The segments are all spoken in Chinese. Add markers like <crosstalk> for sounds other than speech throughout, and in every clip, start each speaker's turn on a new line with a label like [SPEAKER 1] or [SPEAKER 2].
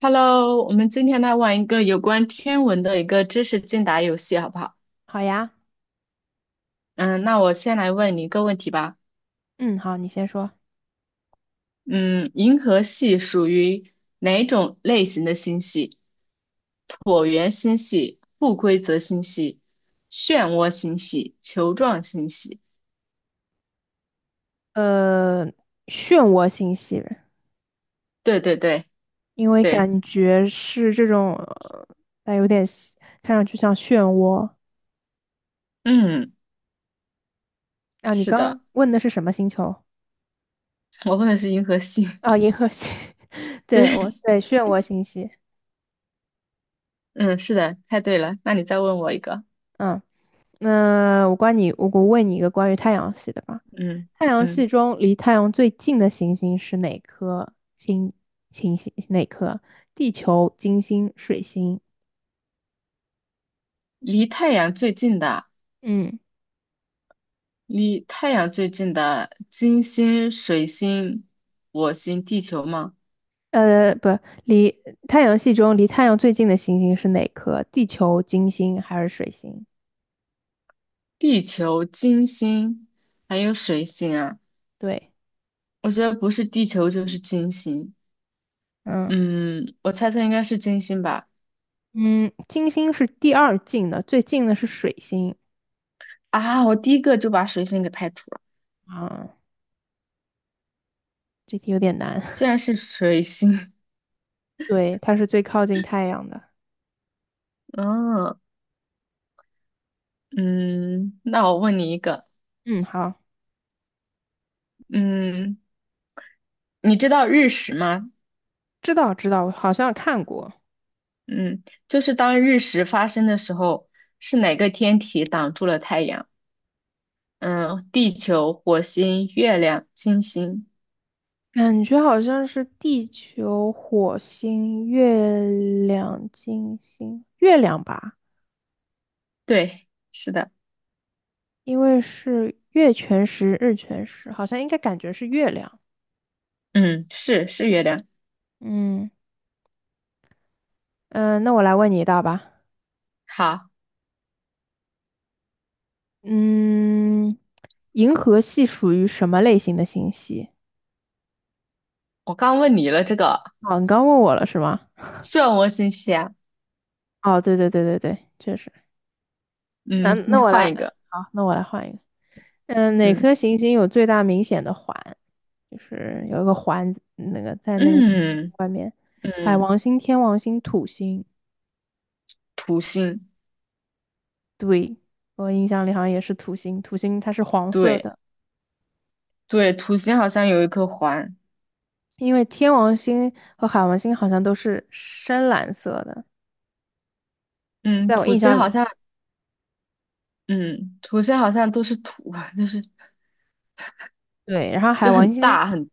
[SPEAKER 1] Hello，我们今天来玩一个有关天文的一个知识竞答游戏，好不好？
[SPEAKER 2] 好呀，
[SPEAKER 1] 嗯，那我先来问你一个问题吧。
[SPEAKER 2] 嗯，好，你先说。
[SPEAKER 1] 嗯，银河系属于哪种类型的星系？椭圆星系、不规则星系、漩涡星系、球状星系。
[SPEAKER 2] 呃，漩涡星系，
[SPEAKER 1] 对对对
[SPEAKER 2] 因为
[SPEAKER 1] 对，
[SPEAKER 2] 感觉是这种，但有点像看上去像漩涡
[SPEAKER 1] 嗯，
[SPEAKER 2] 啊。你
[SPEAKER 1] 是的，
[SPEAKER 2] 刚问的是什么星球？
[SPEAKER 1] 我问的是银河系。<laughs>
[SPEAKER 2] 啊，银河系。<laughs> 对，我
[SPEAKER 1] 对，
[SPEAKER 2] 对漩涡星系。
[SPEAKER 1] 嗯，是的，猜对了。那你再问我一个。
[SPEAKER 2] 嗯，那我问你一个关于太阳系的吧。
[SPEAKER 1] 嗯
[SPEAKER 2] 太阳系
[SPEAKER 1] 嗯，
[SPEAKER 2] 中离太阳最近的行星是哪颗星？行星哪颗？地球、金星、水星？
[SPEAKER 1] 离太阳最近的。
[SPEAKER 2] 嗯。
[SPEAKER 1] 离太阳最近的金星、水星、火星、地球吗？
[SPEAKER 2] 不，离太阳系中离太阳最近的行星是哪颗？地球、金星还是水星？
[SPEAKER 1] 地球、金星还有水星啊，
[SPEAKER 2] 对，
[SPEAKER 1] 我觉得不是地球就是金星。
[SPEAKER 2] 嗯
[SPEAKER 1] 嗯，我猜测应该是金星吧。
[SPEAKER 2] 嗯，金星是第二近的，最近的是水星。
[SPEAKER 1] 啊，我第一个就把水星给排除了，
[SPEAKER 2] 啊，这题有点难。
[SPEAKER 1] 竟然是水星。<laughs>
[SPEAKER 2] <laughs> 对，它是最靠近太阳的。
[SPEAKER 1] 嗯嗯，那我问你一个，
[SPEAKER 2] 嗯，好，
[SPEAKER 1] 嗯，你知道日食吗？
[SPEAKER 2] 知道知道，好像看过，
[SPEAKER 1] 嗯，就是当日食发生的时候，是哪个天体挡住了太阳？嗯，地球、火星、月亮、金星，
[SPEAKER 2] 感觉好像是地球、火星、月亮、金星、月亮吧，
[SPEAKER 1] 对，是的，
[SPEAKER 2] 因为是月全食、日全食，好像应该感觉是月亮。
[SPEAKER 1] 嗯，是月亮。
[SPEAKER 2] 嗯。嗯、那我来问你一道吧。
[SPEAKER 1] 好，
[SPEAKER 2] 嗯，银河系属于什么类型的星系？
[SPEAKER 1] 我刚问你了这个
[SPEAKER 2] 哦，你刚问我了是吗？
[SPEAKER 1] 漩涡星系啊，
[SPEAKER 2] 哦，对对对对对，确实。那
[SPEAKER 1] 嗯，
[SPEAKER 2] 那
[SPEAKER 1] 你
[SPEAKER 2] 我来，
[SPEAKER 1] 换一个，
[SPEAKER 2] 好，那我来换一个。嗯，哪
[SPEAKER 1] 嗯
[SPEAKER 2] 颗行星有最大明显的环？就是有一个环子那个在那个行星
[SPEAKER 1] 嗯
[SPEAKER 2] 外面，海
[SPEAKER 1] 嗯，
[SPEAKER 2] 王星、天王星、土星。
[SPEAKER 1] 土星，
[SPEAKER 2] 对，我印象里好像也是土星，土星它是黄色
[SPEAKER 1] 对
[SPEAKER 2] 的，
[SPEAKER 1] 对，土星好像有一颗环，
[SPEAKER 2] 因为天王星和海王星好像都是深蓝色的，
[SPEAKER 1] 嗯，
[SPEAKER 2] 在我
[SPEAKER 1] 土
[SPEAKER 2] 印
[SPEAKER 1] 星
[SPEAKER 2] 象里。
[SPEAKER 1] 好像，嗯，土星好像都是土啊，<laughs> 就是
[SPEAKER 2] 对，然后海
[SPEAKER 1] 就
[SPEAKER 2] 王
[SPEAKER 1] 很
[SPEAKER 2] 星
[SPEAKER 1] 大很，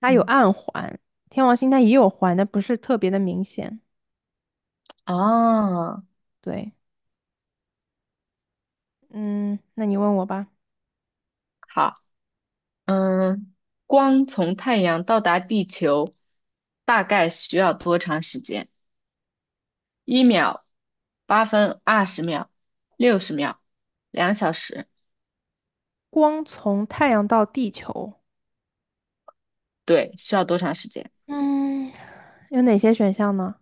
[SPEAKER 2] 它有
[SPEAKER 1] 嗯，
[SPEAKER 2] 暗环，天王星它也有环，但不是特别的明显。
[SPEAKER 1] 哦，
[SPEAKER 2] 对，嗯，那你问我吧，
[SPEAKER 1] 好。嗯，光从太阳到达地球大概需要多长时间？一秒、八分、二十秒、六十秒、两小时。
[SPEAKER 2] 光从太阳到地球，
[SPEAKER 1] 对，需要多长时间？
[SPEAKER 2] 嗯，有哪些选项呢？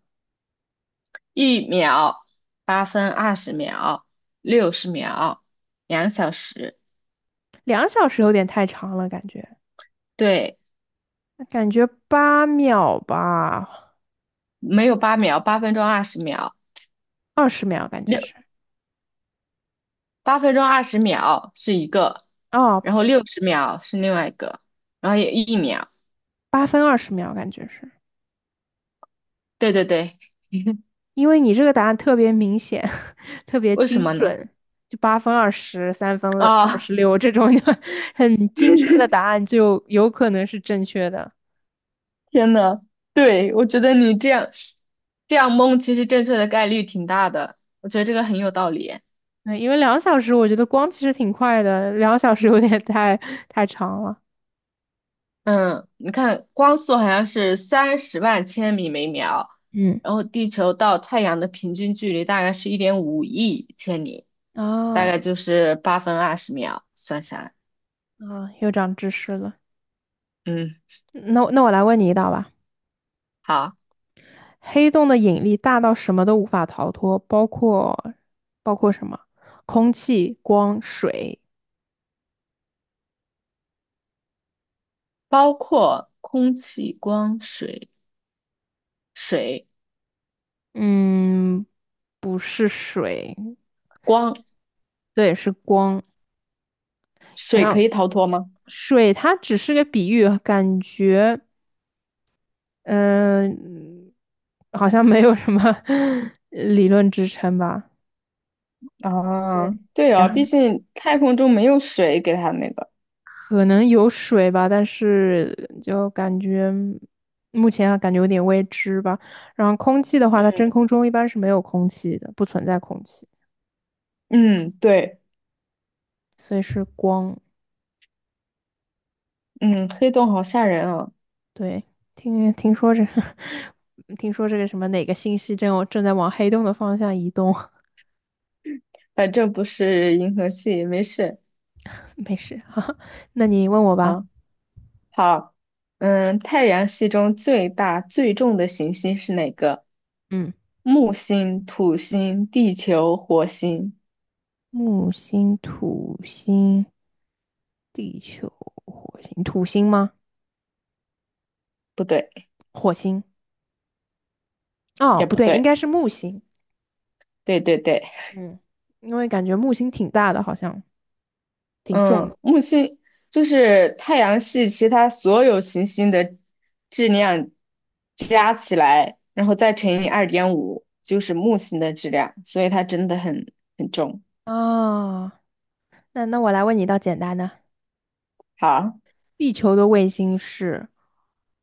[SPEAKER 1] 一秒、八分、二十秒、六十秒、两小时。
[SPEAKER 2] 两小时有点太长了，感觉，
[SPEAKER 1] 对，
[SPEAKER 2] 感觉8秒吧，
[SPEAKER 1] 没有8秒，八分钟二十秒，
[SPEAKER 2] 二十秒感觉是，
[SPEAKER 1] 六八分钟二十秒是一个，
[SPEAKER 2] 哦，
[SPEAKER 1] 然后六十秒是另外一个，然后有一秒。
[SPEAKER 2] 8分20秒感觉是，
[SPEAKER 1] 对对对，
[SPEAKER 2] 因为你这个答案特别明显，<laughs> 特别
[SPEAKER 1] 为什
[SPEAKER 2] 精
[SPEAKER 1] 么呢？
[SPEAKER 2] 准，就八分、23分、二
[SPEAKER 1] 啊？
[SPEAKER 2] 十六这种 <laughs> 很精确的答案，就有可能是正确的。
[SPEAKER 1] 天呐，对，我觉得你这样蒙，其实正确的概率挺大的，我觉得这个很有道理。
[SPEAKER 2] 对，因为两小时我觉得光其实挺快的，两小时有点太长了。
[SPEAKER 1] 嗯，你看光速好像是30万千米每秒，
[SPEAKER 2] 嗯，
[SPEAKER 1] 然后地球到太阳的平均距离大概是1.5亿千米，大
[SPEAKER 2] 啊
[SPEAKER 1] 概就是8分20秒，算下来，
[SPEAKER 2] 啊，又长知识了。
[SPEAKER 1] 嗯，
[SPEAKER 2] 那我来问你一道吧，
[SPEAKER 1] 好，
[SPEAKER 2] 黑洞的引力大到什么都无法逃脱，包括什么？空气、光、水、
[SPEAKER 1] 包括空气、光、水、水、
[SPEAKER 2] 嗯，不是水，
[SPEAKER 1] 光、
[SPEAKER 2] 对，是光。然
[SPEAKER 1] 水可
[SPEAKER 2] 后
[SPEAKER 1] 以逃脱吗？
[SPEAKER 2] 水它只是个比喻，感觉嗯、好像没有什么 <laughs> 理论支撑吧。
[SPEAKER 1] 啊，
[SPEAKER 2] 对，
[SPEAKER 1] 对
[SPEAKER 2] 然
[SPEAKER 1] 哦，毕
[SPEAKER 2] 后
[SPEAKER 1] 竟太空中没有水给它那个。
[SPEAKER 2] 可能有水吧，但是就感觉目前啊感觉有点未知吧。然后空气的话，它真空中一般是没有空气的，不存在空气，
[SPEAKER 1] 嗯，对，
[SPEAKER 2] 所以是光。
[SPEAKER 1] 嗯，黑洞好吓人啊，
[SPEAKER 2] 对，听说这个，<laughs> 听说这个什么哪个星系正在往黑洞的方向移动，
[SPEAKER 1] 反正不是银河系，没事
[SPEAKER 2] <laughs> 没事，<laughs> 哈，哈。那你问我吧。
[SPEAKER 1] 啊。好，嗯，太阳系中最大最重的行星是哪个？
[SPEAKER 2] 嗯，
[SPEAKER 1] 木星、土星、地球、火星？
[SPEAKER 2] 木星、土星、地球、火星，土星吗？
[SPEAKER 1] 不对，
[SPEAKER 2] 火星？哦，
[SPEAKER 1] 也
[SPEAKER 2] 不
[SPEAKER 1] 不
[SPEAKER 2] 对，应
[SPEAKER 1] 对，
[SPEAKER 2] 该是木星。
[SPEAKER 1] 对对对，
[SPEAKER 2] 嗯，因为感觉木星挺大的，好像挺重
[SPEAKER 1] 嗯，
[SPEAKER 2] 的。
[SPEAKER 1] 木星就是太阳系其他所有行星的质量加起来，然后再乘以2.5，就是木星的质量，所以它真的很重。
[SPEAKER 2] 啊。那我来问你一道简单的，
[SPEAKER 1] 好。
[SPEAKER 2] 地球的卫星是，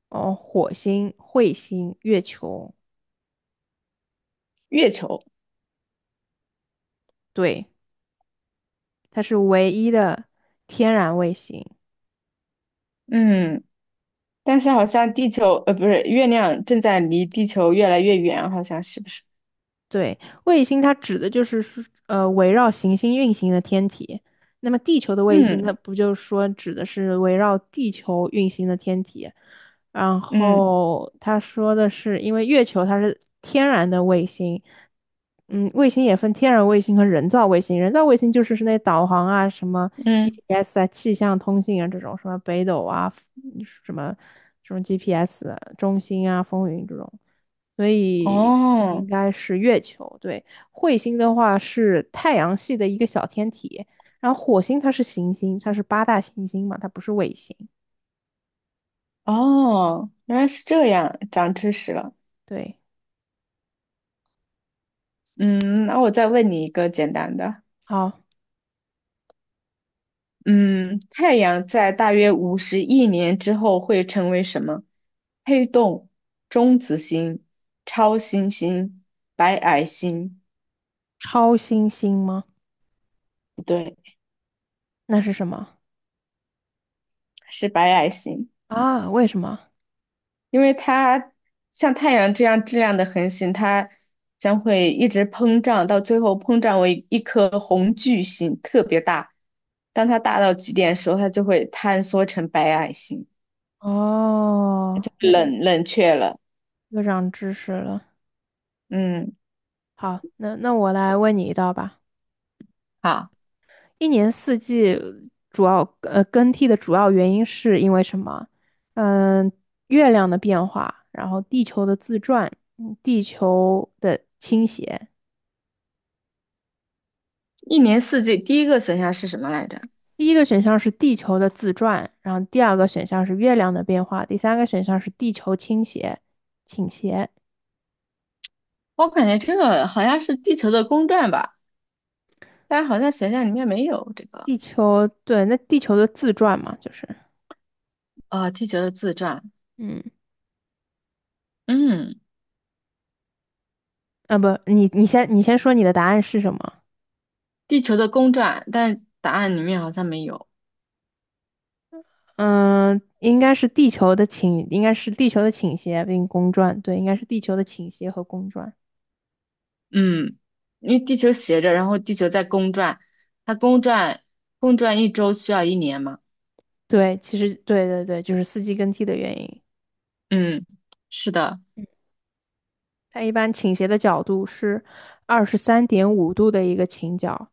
[SPEAKER 2] 哦，火星、彗星、月球，
[SPEAKER 1] 月球，
[SPEAKER 2] 对。它是唯一的天然卫星。
[SPEAKER 1] 嗯，但是好像地球，不是，月亮正在离地球越来越远，好像是不是？
[SPEAKER 2] 对，卫星它指的就是说围绕行星运行的天体。那么地球的卫星，
[SPEAKER 1] 嗯
[SPEAKER 2] 那不就是说指的是围绕地球运行的天体？然
[SPEAKER 1] 嗯
[SPEAKER 2] 后他说的是，因为月球它是天然的卫星，嗯，卫星也分天然卫星和人造卫星。人造卫星就是那导航啊、什么
[SPEAKER 1] 嗯，
[SPEAKER 2] GPS 啊、气象通信啊这种，什么北斗啊、什么什么 GPS 中心啊、风云这种。所以
[SPEAKER 1] 哦
[SPEAKER 2] 应该是月球。对，彗星的话是太阳系的一个小天体，然后火星它是行星，它是八大行星嘛，它不是卫星。
[SPEAKER 1] 哦，原来是这样，长知识了。
[SPEAKER 2] 对，
[SPEAKER 1] 嗯，那我再问你一个简单的，
[SPEAKER 2] 好，
[SPEAKER 1] 嗯，太阳在大约50亿年之后会成为什么？黑洞、中子星、超新星、白矮星？
[SPEAKER 2] 超新星吗？
[SPEAKER 1] 不对，
[SPEAKER 2] 那是什么
[SPEAKER 1] 是白矮星。
[SPEAKER 2] 啊？为什么？
[SPEAKER 1] 因为它像太阳这样质量的恒星，它将会一直膨胀，到最后膨胀为一颗红巨星，特别大。当它大到极点的时候，它就会坍缩成白矮星，
[SPEAKER 2] 哦，又又
[SPEAKER 1] 冷却了。
[SPEAKER 2] 又长知识了。
[SPEAKER 1] 嗯，
[SPEAKER 2] 好，那我来问你一道吧。
[SPEAKER 1] 好，
[SPEAKER 2] 一年四季主要更替的主要原因是因为什么？嗯，月亮的变化，然后地球的自转，地球的倾斜。
[SPEAKER 1] 一年四季第一个选项是什么来着？
[SPEAKER 2] 第一个选项是地球的自转，然后第二个选项是月亮的变化，第三个选项是地球倾斜，倾斜。
[SPEAKER 1] 我感觉这个好像是地球的公转吧，但是好像选项里面没有这个。
[SPEAKER 2] 地球，对，那地球的自转嘛，就是，
[SPEAKER 1] 啊、地球的自转，
[SPEAKER 2] 嗯，
[SPEAKER 1] 嗯，
[SPEAKER 2] 啊不，你先说你的答案是什么？
[SPEAKER 1] 地球的公转，但答案里面好像没有。
[SPEAKER 2] 嗯，应该是地球的倾斜并公转，对，应该是地球的倾斜和公转。
[SPEAKER 1] 嗯，因为地球斜着，然后地球在公转，它公转一周需要一年嘛。
[SPEAKER 2] 对，其实对对对，就是四季更替的原因。
[SPEAKER 1] 嗯，是的，
[SPEAKER 2] 它一般倾斜的角度是23.5度的一个倾角，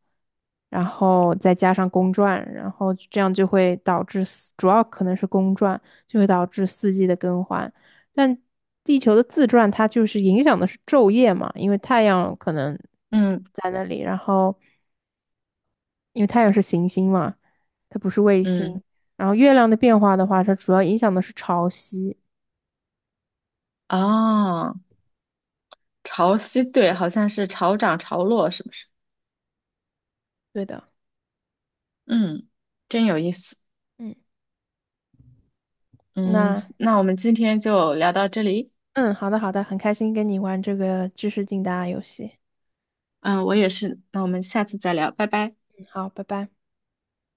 [SPEAKER 2] 然后再加上公转，然后这样就会导致主要可能是公转，就会导致四季的更换。但地球的自转，它就是影响的是昼夜嘛，因为太阳可能
[SPEAKER 1] 嗯
[SPEAKER 2] 在那里，然后。因为太阳是行星嘛，它不是卫
[SPEAKER 1] 嗯，
[SPEAKER 2] 星。然后月亮的变化的话，它主要影响的是潮汐。
[SPEAKER 1] 哦，潮汐对，好像是潮涨潮落，是不是？
[SPEAKER 2] 对的，
[SPEAKER 1] 嗯，真有意思。
[SPEAKER 2] 嗯，
[SPEAKER 1] 嗯，
[SPEAKER 2] 那
[SPEAKER 1] 那我们今天就聊到这里。
[SPEAKER 2] 嗯，好的好的，很开心跟你玩这个知识竞答游戏。
[SPEAKER 1] 嗯，我也是，那我们下次再聊，拜拜。
[SPEAKER 2] 嗯，好，拜拜。